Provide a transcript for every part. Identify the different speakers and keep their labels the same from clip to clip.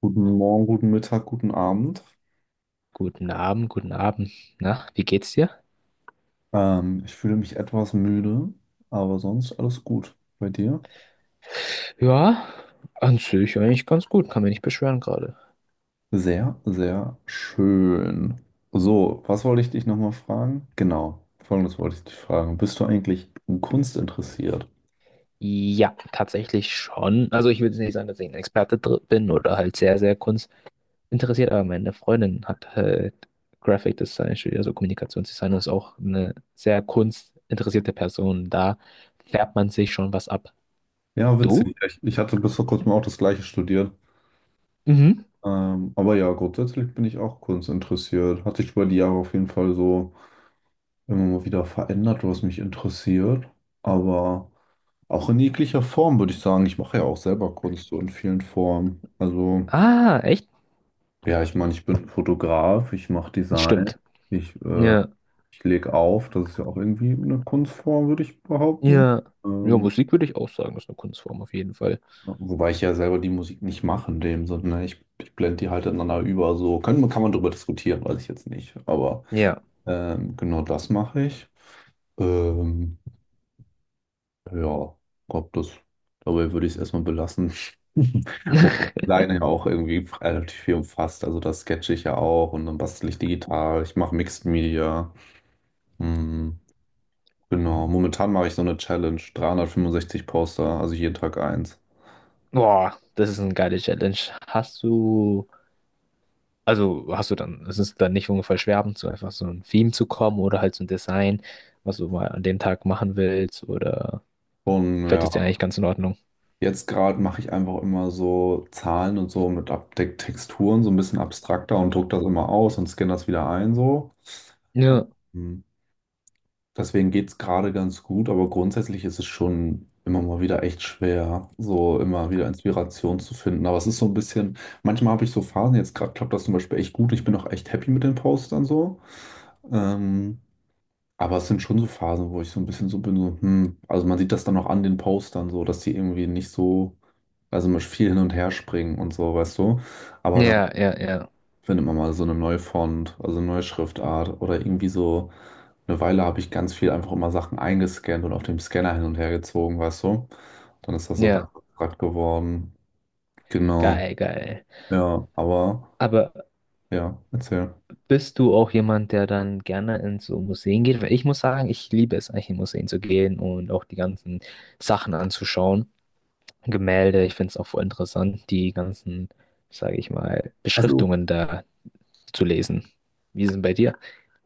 Speaker 1: Guten Morgen, guten Mittag, guten Abend.
Speaker 2: Guten Abend, guten Abend. Na, wie geht's dir?
Speaker 1: Ich fühle mich etwas müde, aber sonst alles gut. Bei dir?
Speaker 2: Ja, an sich eigentlich ganz gut, kann mich nicht beschweren gerade.
Speaker 1: Sehr, sehr schön. So, was wollte ich dich nochmal fragen? Genau, folgendes wollte ich dich fragen. Bist du eigentlich in Kunst interessiert?
Speaker 2: Ja, tatsächlich schon. Also ich würde nicht sagen, dass ich ein Experte bin oder halt sehr, sehr kunstinteressiert, aber meine Freundin hat halt Graphic Design studiert, also Kommunikationsdesign und ist auch eine sehr kunstinteressierte Person. Da färbt man sich schon was ab.
Speaker 1: Ja,
Speaker 2: Du?
Speaker 1: witzig. Ich hatte bis vor kurzem auch das Gleiche studiert.
Speaker 2: Mhm.
Speaker 1: Aber ja, grundsätzlich bin ich auch kunstinteressiert. Hat sich über die Jahre auf jeden Fall so immer mal wieder verändert, was mich interessiert. Aber. Auch in jeglicher Form würde ich sagen. Ich mache ja auch selber Kunst so in vielen Formen. Also,
Speaker 2: Ah, echt?
Speaker 1: ja, ich meine, ich bin Fotograf, ich mache Design,
Speaker 2: Stimmt.
Speaker 1: ich,
Speaker 2: Ja,
Speaker 1: ich lege auf. Das ist ja auch irgendwie eine Kunstform, würde ich behaupten.
Speaker 2: ja. Ja,
Speaker 1: Ähm,
Speaker 2: Musik würde ich auch sagen, ist eine Kunstform auf jeden Fall.
Speaker 1: Wobei ich ja selber die Musik nicht mache in dem Sinne, ne? Ich blende die halt ineinander über. So können, kann man darüber diskutieren, weiß ich jetzt nicht. Aber
Speaker 2: Ja.
Speaker 1: genau das mache ich. Ähm, Ja, glaub das. Dabei würde ich es erstmal belassen. Wobei die Leine ja auch irgendwie relativ viel umfasst. Also das sketche ich ja auch und dann bastel ich digital. Ich mache Mixed Media. Hm, genau. Momentan mache ich so eine Challenge. 365 Poster, also jeden Tag eins.
Speaker 2: Boah, das ist eine geile Challenge. Hast du, also hast du dann, es ist dann nicht ungefähr schwer, zu einfach so ein Theme zu kommen oder halt so ein Design, was du mal an dem Tag machen willst oder
Speaker 1: Und
Speaker 2: fällt
Speaker 1: ja,
Speaker 2: es dir eigentlich ganz in Ordnung?
Speaker 1: jetzt gerade mache ich einfach immer so Zahlen und so mit Abdeck Texturen, so ein bisschen abstrakter und druck das immer aus und scanne das wieder ein so.
Speaker 2: Ja,
Speaker 1: Ähm, Deswegen geht's gerade ganz gut, aber grundsätzlich ist es schon immer mal wieder echt schwer, so immer wieder Inspiration zu finden. Aber es ist so ein bisschen, manchmal habe ich so Phasen, jetzt gerade klappt das zum Beispiel echt gut, ich bin auch echt happy mit den Postern so. Ähm, aber es sind schon so Phasen, wo ich so ein bisschen so bin, so, hm, also man sieht das dann auch an den Postern so, dass die irgendwie nicht so, also man viel hin und her springen und so, weißt du. Aber dann
Speaker 2: ja, ja, ja,
Speaker 1: findet man mal so eine neue Font, also eine neue Schriftart oder irgendwie so. Eine Weile habe ich ganz viel einfach immer Sachen eingescannt und auf dem Scanner hin und her gezogen, weißt du? Dann ist das so
Speaker 2: ja,
Speaker 1: ganz abstrakt geworden. Genau.
Speaker 2: geil, geil.
Speaker 1: Ja, aber
Speaker 2: Aber
Speaker 1: ja, erzähl.
Speaker 2: bist du auch jemand, der dann gerne in so Museen geht? Weil ich muss sagen, ich liebe es eigentlich in Museen zu gehen und auch die ganzen Sachen anzuschauen. Gemälde, ich finde es auch voll interessant, die ganzen, sage ich mal,
Speaker 1: Also
Speaker 2: Beschriftungen da zu lesen. Wie ist es denn bei dir?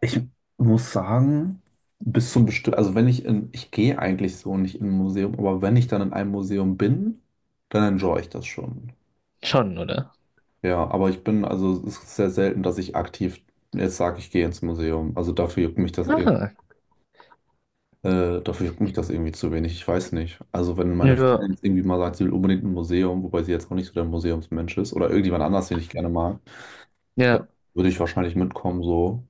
Speaker 1: ich muss sagen, bis zum bestimmten, also wenn ich in, ich gehe eigentlich so nicht in ein Museum, aber wenn ich dann in einem Museum bin, dann enjoy ich das schon.
Speaker 2: Schon, oder?
Speaker 1: Ja, aber ich bin, also es ist sehr selten, dass ich aktiv jetzt sage, ich gehe ins Museum. Also dafür juckt mich das irgendwie,
Speaker 2: Ah,
Speaker 1: dafür juckt mich das irgendwie zu wenig. Ich weiß nicht. Also wenn meine
Speaker 2: ja.
Speaker 1: Freundin jetzt irgendwie mal sagt, sie will unbedingt ein Museum, wobei sie jetzt auch nicht so der Museumsmensch ist oder irgendjemand anders, den ich gerne mag, dann
Speaker 2: Ja,
Speaker 1: würde ich wahrscheinlich mitkommen so.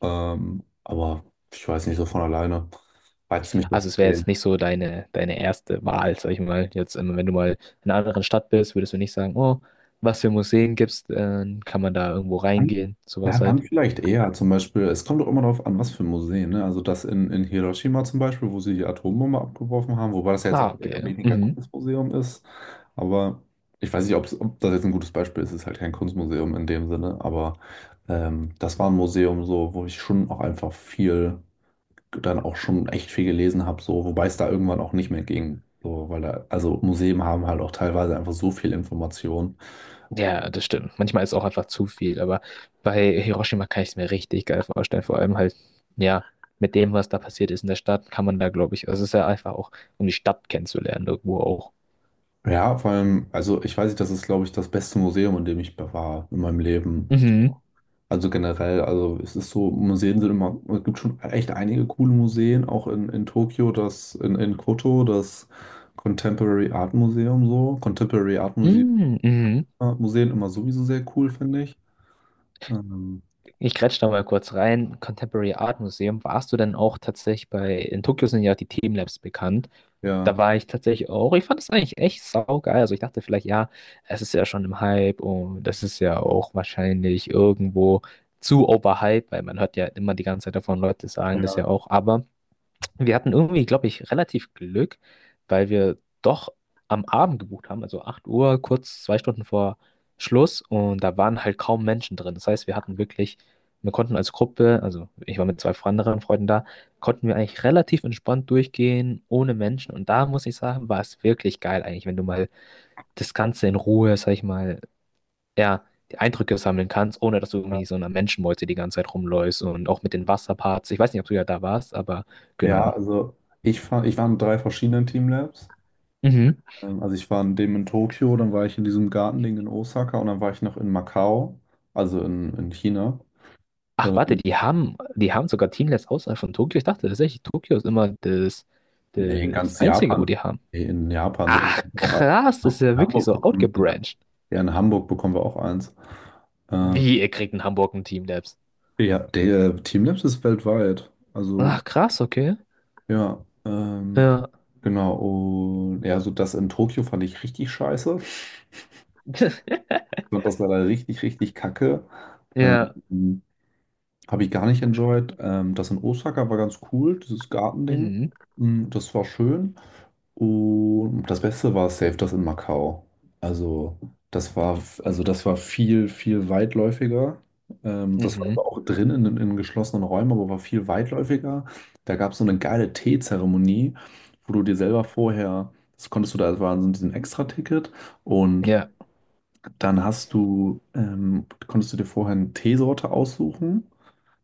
Speaker 1: Aber ich weiß nicht, so von alleine reizt mich das
Speaker 2: also
Speaker 1: zu
Speaker 2: es wäre jetzt
Speaker 1: sehen.
Speaker 2: nicht so deine erste Wahl, sag ich mal. Jetzt, wenn du mal in einer anderen Stadt bist, würdest du nicht sagen, oh, was für Museen gibt's, kann man da irgendwo reingehen,
Speaker 1: Ja,
Speaker 2: sowas
Speaker 1: dann
Speaker 2: halt.
Speaker 1: vielleicht eher zum Beispiel, es kommt doch immer darauf an, was für Museen, ne? Also das in Hiroshima zum Beispiel, wo sie die Atombombe abgeworfen haben, wobei das ja jetzt
Speaker 2: Ah,
Speaker 1: auch eher
Speaker 2: okay.
Speaker 1: weniger
Speaker 2: Mhm.
Speaker 1: Kunstmuseum ist. Aber ich weiß nicht, ob's, ob das jetzt ein gutes Beispiel ist, es ist halt kein Kunstmuseum in dem Sinne, aber das war ein Museum so, wo ich schon auch einfach viel, dann auch schon echt viel gelesen habe, so, wobei es da irgendwann auch nicht mehr ging. So, weil da, also Museen haben halt auch teilweise einfach so viel Information.
Speaker 2: Ja, das stimmt. Manchmal ist auch einfach zu viel, aber bei Hiroshima kann ich es mir richtig geil vorstellen. Vor allem halt, ja, mit dem, was da passiert ist in der Stadt, kann man da, glaube ich, also es ist ja einfach auch, um die Stadt kennenzulernen, irgendwo auch.
Speaker 1: Ja, vor allem, also ich weiß nicht, das ist, glaube ich, das beste Museum, in dem ich war in meinem Leben.
Speaker 2: Mhm.
Speaker 1: Also generell, also es ist so, Museen sind immer, es gibt schon echt einige coole Museen, auch in Tokio, das, in Koto, das Contemporary Art Museum so. Contemporary Art Museum,
Speaker 2: Mm, mhm.
Speaker 1: Museen immer sowieso sehr cool, finde ich. Ähm,
Speaker 2: Ich grätsch da mal kurz rein. Contemporary Art Museum, warst du denn auch tatsächlich bei, in Tokio sind ja die Themenlabs bekannt.
Speaker 1: ja.
Speaker 2: Da war ich tatsächlich auch. Ich fand es eigentlich echt saugeil. Also ich dachte vielleicht, ja, es ist ja schon im Hype und das ist ja auch wahrscheinlich irgendwo zu overhyped, weil man hört ja immer die ganze Zeit davon Leute sagen das
Speaker 1: Ja,
Speaker 2: ja auch. Aber wir hatten irgendwie, glaube ich, relativ Glück, weil wir doch am Abend gebucht haben, also 8 Uhr, kurz 2 Stunden vor Schluss und da waren halt kaum Menschen drin. Das heißt, wir hatten wirklich, wir konnten als Gruppe, also ich war mit zwei anderen Freunden da, konnten wir eigentlich relativ entspannt durchgehen, ohne Menschen und da muss ich sagen, war es wirklich geil eigentlich, wenn du mal das Ganze in Ruhe, sag ich mal, ja, die Eindrücke sammeln kannst, ohne dass du
Speaker 1: ja,
Speaker 2: irgendwie so einer Menschenmeute die ganze Zeit rumläufst und auch mit den Wasserparts. Ich weiß nicht, ob du ja da warst, aber
Speaker 1: Ja,
Speaker 2: genau.
Speaker 1: also ich, ich war in 3 verschiedenen Teamlabs.
Speaker 2: Mhm.
Speaker 1: Also ich war in dem in Tokio, dann war ich in diesem Gartending in Osaka und dann war ich noch in Macau, also in China.
Speaker 2: Ach, warte,
Speaker 1: Ähm,
Speaker 2: die haben sogar Teamless außerhalb von Tokio. Ich dachte tatsächlich, Tokio ist immer das,
Speaker 1: nee, in
Speaker 2: das
Speaker 1: ganz
Speaker 2: Einzige, wo
Speaker 1: Japan.
Speaker 2: die haben.
Speaker 1: Nee, in Japan sind
Speaker 2: Ach,
Speaker 1: wir auch
Speaker 2: krass, das ist ja
Speaker 1: in
Speaker 2: wirklich
Speaker 1: Hamburg
Speaker 2: so
Speaker 1: bekommen. In,
Speaker 2: outgebranched.
Speaker 1: ja, in Hamburg bekommen wir auch eins. Ähm,
Speaker 2: Wie, ihr kriegt in Hamburg ein Teamlabs?
Speaker 1: ja, der Teamlabs ist weltweit. Also
Speaker 2: Ach, krass, okay.
Speaker 1: ja,
Speaker 2: Ja.
Speaker 1: genau. Und ja, so das in Tokio fand ich richtig scheiße. Ich fand das leider richtig, richtig kacke.
Speaker 2: Ja.
Speaker 1: Ähm, Habe ich gar nicht enjoyed. Das in Osaka war ganz cool, dieses Gartending.
Speaker 2: Mhm.
Speaker 1: Mm, Das war schön. Und das Beste war safe das in Macau. Also also das war viel, viel weitläufiger. Das war
Speaker 2: Mhm.
Speaker 1: zwar auch drin in geschlossenen Räumen, aber war viel weitläufiger. Da gab es so eine geile Teezeremonie, wo du dir selber vorher, das konntest du da, das war so ein Extra-Ticket und
Speaker 2: Ja,
Speaker 1: dann hast du, konntest du dir vorher eine Teesorte aussuchen.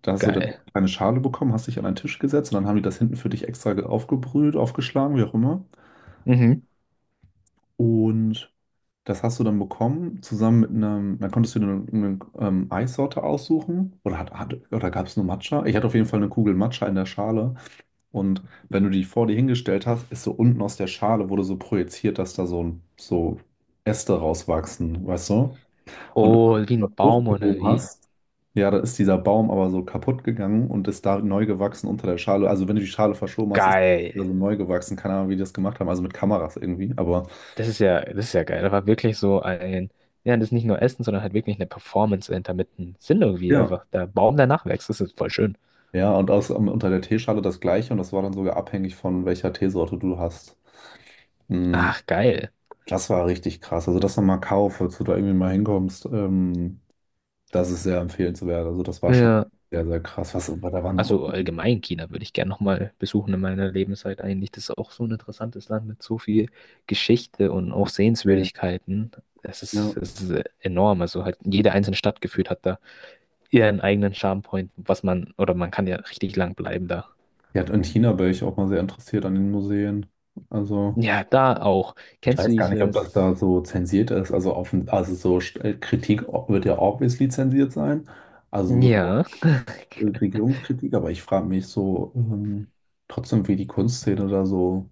Speaker 1: Da hast du dann
Speaker 2: geil.
Speaker 1: eine Schale bekommen, hast dich an einen Tisch gesetzt und dann haben die das hinten für dich extra aufgebrüht, aufgeschlagen, wie auch immer.
Speaker 2: Mhm.
Speaker 1: Und das hast du dann bekommen, zusammen mit einem, dann konntest du dir eine Eissorte aussuchen oder, hat, hat, oder gab es nur Matcha? Ich hatte auf jeden Fall eine Kugel Matcha in der Schale und wenn du die vor dir hingestellt hast, ist so unten aus der Schale wurde so projiziert, dass da so, so Äste rauswachsen, weißt du? Und wenn
Speaker 2: Oh, wie
Speaker 1: du das
Speaker 2: ein Baum oder
Speaker 1: hochgehoben
Speaker 2: wie?
Speaker 1: hast, ja, da ist dieser Baum aber so kaputt gegangen und ist da neu gewachsen unter der Schale. Also wenn du die Schale verschoben hast, ist es
Speaker 2: Geil.
Speaker 1: wieder so neu gewachsen. Keine Ahnung, wie die das gemacht haben. Also mit Kameras irgendwie. Aber
Speaker 2: Das ist ja geil. Da war wirklich so ein, ja, das ist nicht nur Essen, sondern halt wirklich eine Performance dahinter mit einem Sinn irgendwie.
Speaker 1: ja.
Speaker 2: Einfach der Baum, der nachwächst. Das ist voll schön.
Speaker 1: Ja, und aus, um, unter der Teeschale das gleiche. Und das war dann sogar abhängig von welcher Teesorte du hast. Mm,
Speaker 2: Ach, geil.
Speaker 1: Das war richtig krass. Also das nochmal Macau, falls du da irgendwie mal hinkommst, das ist sehr empfehlenswert. Also das war schon
Speaker 2: Ja.
Speaker 1: sehr, sehr krass. Was, aber da war noch...
Speaker 2: Also allgemein China würde ich gerne nochmal besuchen in meiner Lebenszeit eigentlich. Das ist auch so ein interessantes Land mit so viel Geschichte und auch Sehenswürdigkeiten. Das ist,
Speaker 1: Ja.
Speaker 2: das ist enorm. Also halt jede einzelne Stadt gefühlt hat da ihren eigenen Charmepoint, was man, oder man kann ja richtig lang bleiben da.
Speaker 1: Ja, und China wäre ich auch mal sehr interessiert an den Museen. Also...
Speaker 2: Ja, da auch.
Speaker 1: Ich
Speaker 2: Kennst du
Speaker 1: weiß gar nicht, ob das da
Speaker 2: dieses?
Speaker 1: so zensiert ist. Also, offen, also so Kritik wird ja obviously zensiert sein. Also so
Speaker 2: Ja,
Speaker 1: Regierungskritik, aber ich frage mich so trotzdem, wie die Kunstszene da so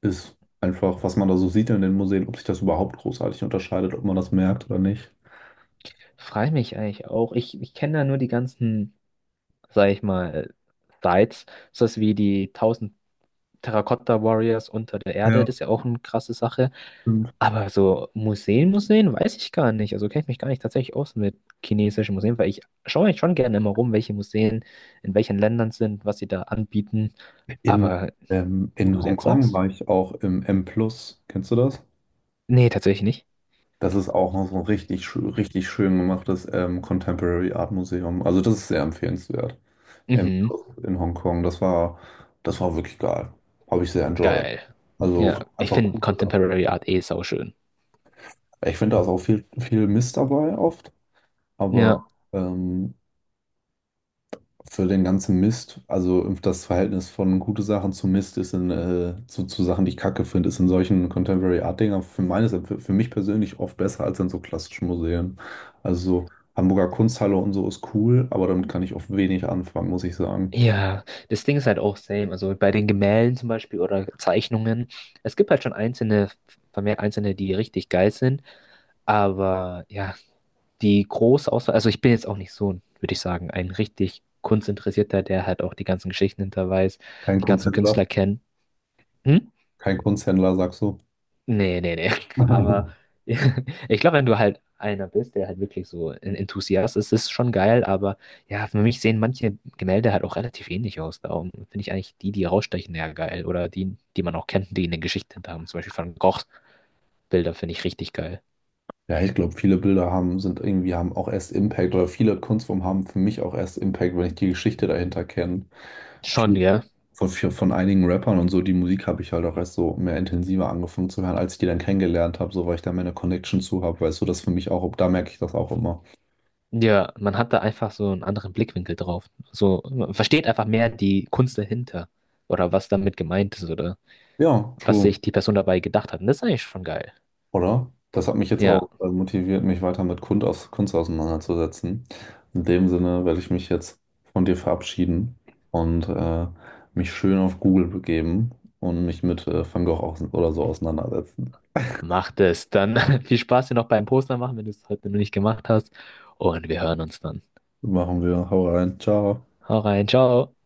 Speaker 1: ist. Einfach, was man da so sieht in den Museen, ob sich das überhaupt großartig unterscheidet, ob man das merkt oder nicht.
Speaker 2: freu mich eigentlich auch. Ich kenne da nur die ganzen, sag ich mal, Sites, so wie die 1000 Terracotta Warriors unter der Erde,
Speaker 1: Ja,
Speaker 2: das ist ja auch eine krasse Sache.
Speaker 1: stimmt.
Speaker 2: Aber so Museen, Museen, weiß ich gar nicht. Also kenne ich mich gar nicht tatsächlich aus mit chinesischen Museen, weil ich schaue mich schon gerne immer rum, welche Museen in welchen Ländern sind, was sie da anbieten.
Speaker 1: In,
Speaker 2: Aber wo du
Speaker 1: in
Speaker 2: es jetzt
Speaker 1: Hongkong
Speaker 2: sagst?
Speaker 1: war ich auch im M+. Plus. Kennst du das?
Speaker 2: Nee, tatsächlich nicht.
Speaker 1: Das ist auch so ein richtig, richtig schön gemachtes Contemporary Art Museum. Also das ist sehr empfehlenswert. Im,
Speaker 2: Mhm,
Speaker 1: in Hongkong. Das war wirklich geil. Habe ich sehr enjoyed.
Speaker 2: geil. Ja,
Speaker 1: Also
Speaker 2: ich
Speaker 1: einfach
Speaker 2: finde
Speaker 1: coole Sachen.
Speaker 2: Contemporary Art eh sauschön.
Speaker 1: Ich finde, da ist auch viel, viel Mist dabei oft, aber
Speaker 2: Ja.
Speaker 1: ähm, für den ganzen Mist, also das Verhältnis von gute Sachen zu Mist ist in, zu Sachen, die ich kacke finde, ist in solchen Contemporary Art Dingern für meines, für mich persönlich oft besser als in so klassischen Museen. Also so Hamburger Kunsthalle und so ist cool, aber damit kann ich oft wenig anfangen, muss ich sagen.
Speaker 2: Ja, das Ding ist halt auch same. Also bei den Gemälden zum Beispiel oder Zeichnungen. Es gibt halt schon einzelne, vermehrt einzelne, die richtig geil sind. Aber ja, die große Auswahl, also ich bin jetzt auch nicht so, würde ich sagen, ein richtig Kunstinteressierter, der halt auch die ganzen Geschichten hinter weiß,
Speaker 1: Kein
Speaker 2: die ganzen Künstler
Speaker 1: Kunsthändler,
Speaker 2: kennt. Hm?
Speaker 1: kein Kunsthändler, sagst du?
Speaker 2: Nee, nee, nee. Aber ich glaube, wenn du halt einer bist, der halt wirklich so ein Enthusiast ist, ist schon geil. Aber ja, für mich sehen manche Gemälde halt auch relativ ähnlich aus. Darum finde ich eigentlich die, die rausstechen, ja geil. Oder die, die man auch kennt, die eine Geschichte hinter haben. Zum Beispiel Van Goghs Bilder finde ich richtig geil.
Speaker 1: Ja, ich glaube, viele Bilder haben, sind irgendwie, haben auch erst Impact oder viele Kunstformen haben für mich auch erst Impact, wenn ich die Geschichte dahinter kenne.
Speaker 2: Schon,
Speaker 1: Viel,
Speaker 2: ja.
Speaker 1: von einigen Rappern und so, die Musik habe ich halt auch erst so mehr intensiver angefangen zu hören, als ich die dann kennengelernt habe, so weil ich da meine Connection zu habe, weißt du, das für mich auch, da merke ich das auch immer.
Speaker 2: Ja, man hat da einfach so einen anderen Blickwinkel drauf. So, man versteht einfach mehr die Kunst dahinter. Oder was damit gemeint ist. Oder
Speaker 1: Ja,
Speaker 2: was
Speaker 1: true.
Speaker 2: sich die Person dabei gedacht hat. Und das ist eigentlich schon geil.
Speaker 1: Oder? Das hat mich jetzt
Speaker 2: Ja.
Speaker 1: auch motiviert, mich weiter mit Kunst, aus, Kunst auseinanderzusetzen. In dem Sinne werde ich mich jetzt von dir verabschieden und mich schön auf Google begeben und mich mit Van Gogh aus, oder so auseinandersetzen.
Speaker 2: Mach das. Dann viel Spaß dir noch beim Poster machen, wenn du es heute noch nicht gemacht hast. Und wir hören uns dann.
Speaker 1: Machen wir. Hau rein. Ciao.
Speaker 2: Hau rein, ciao.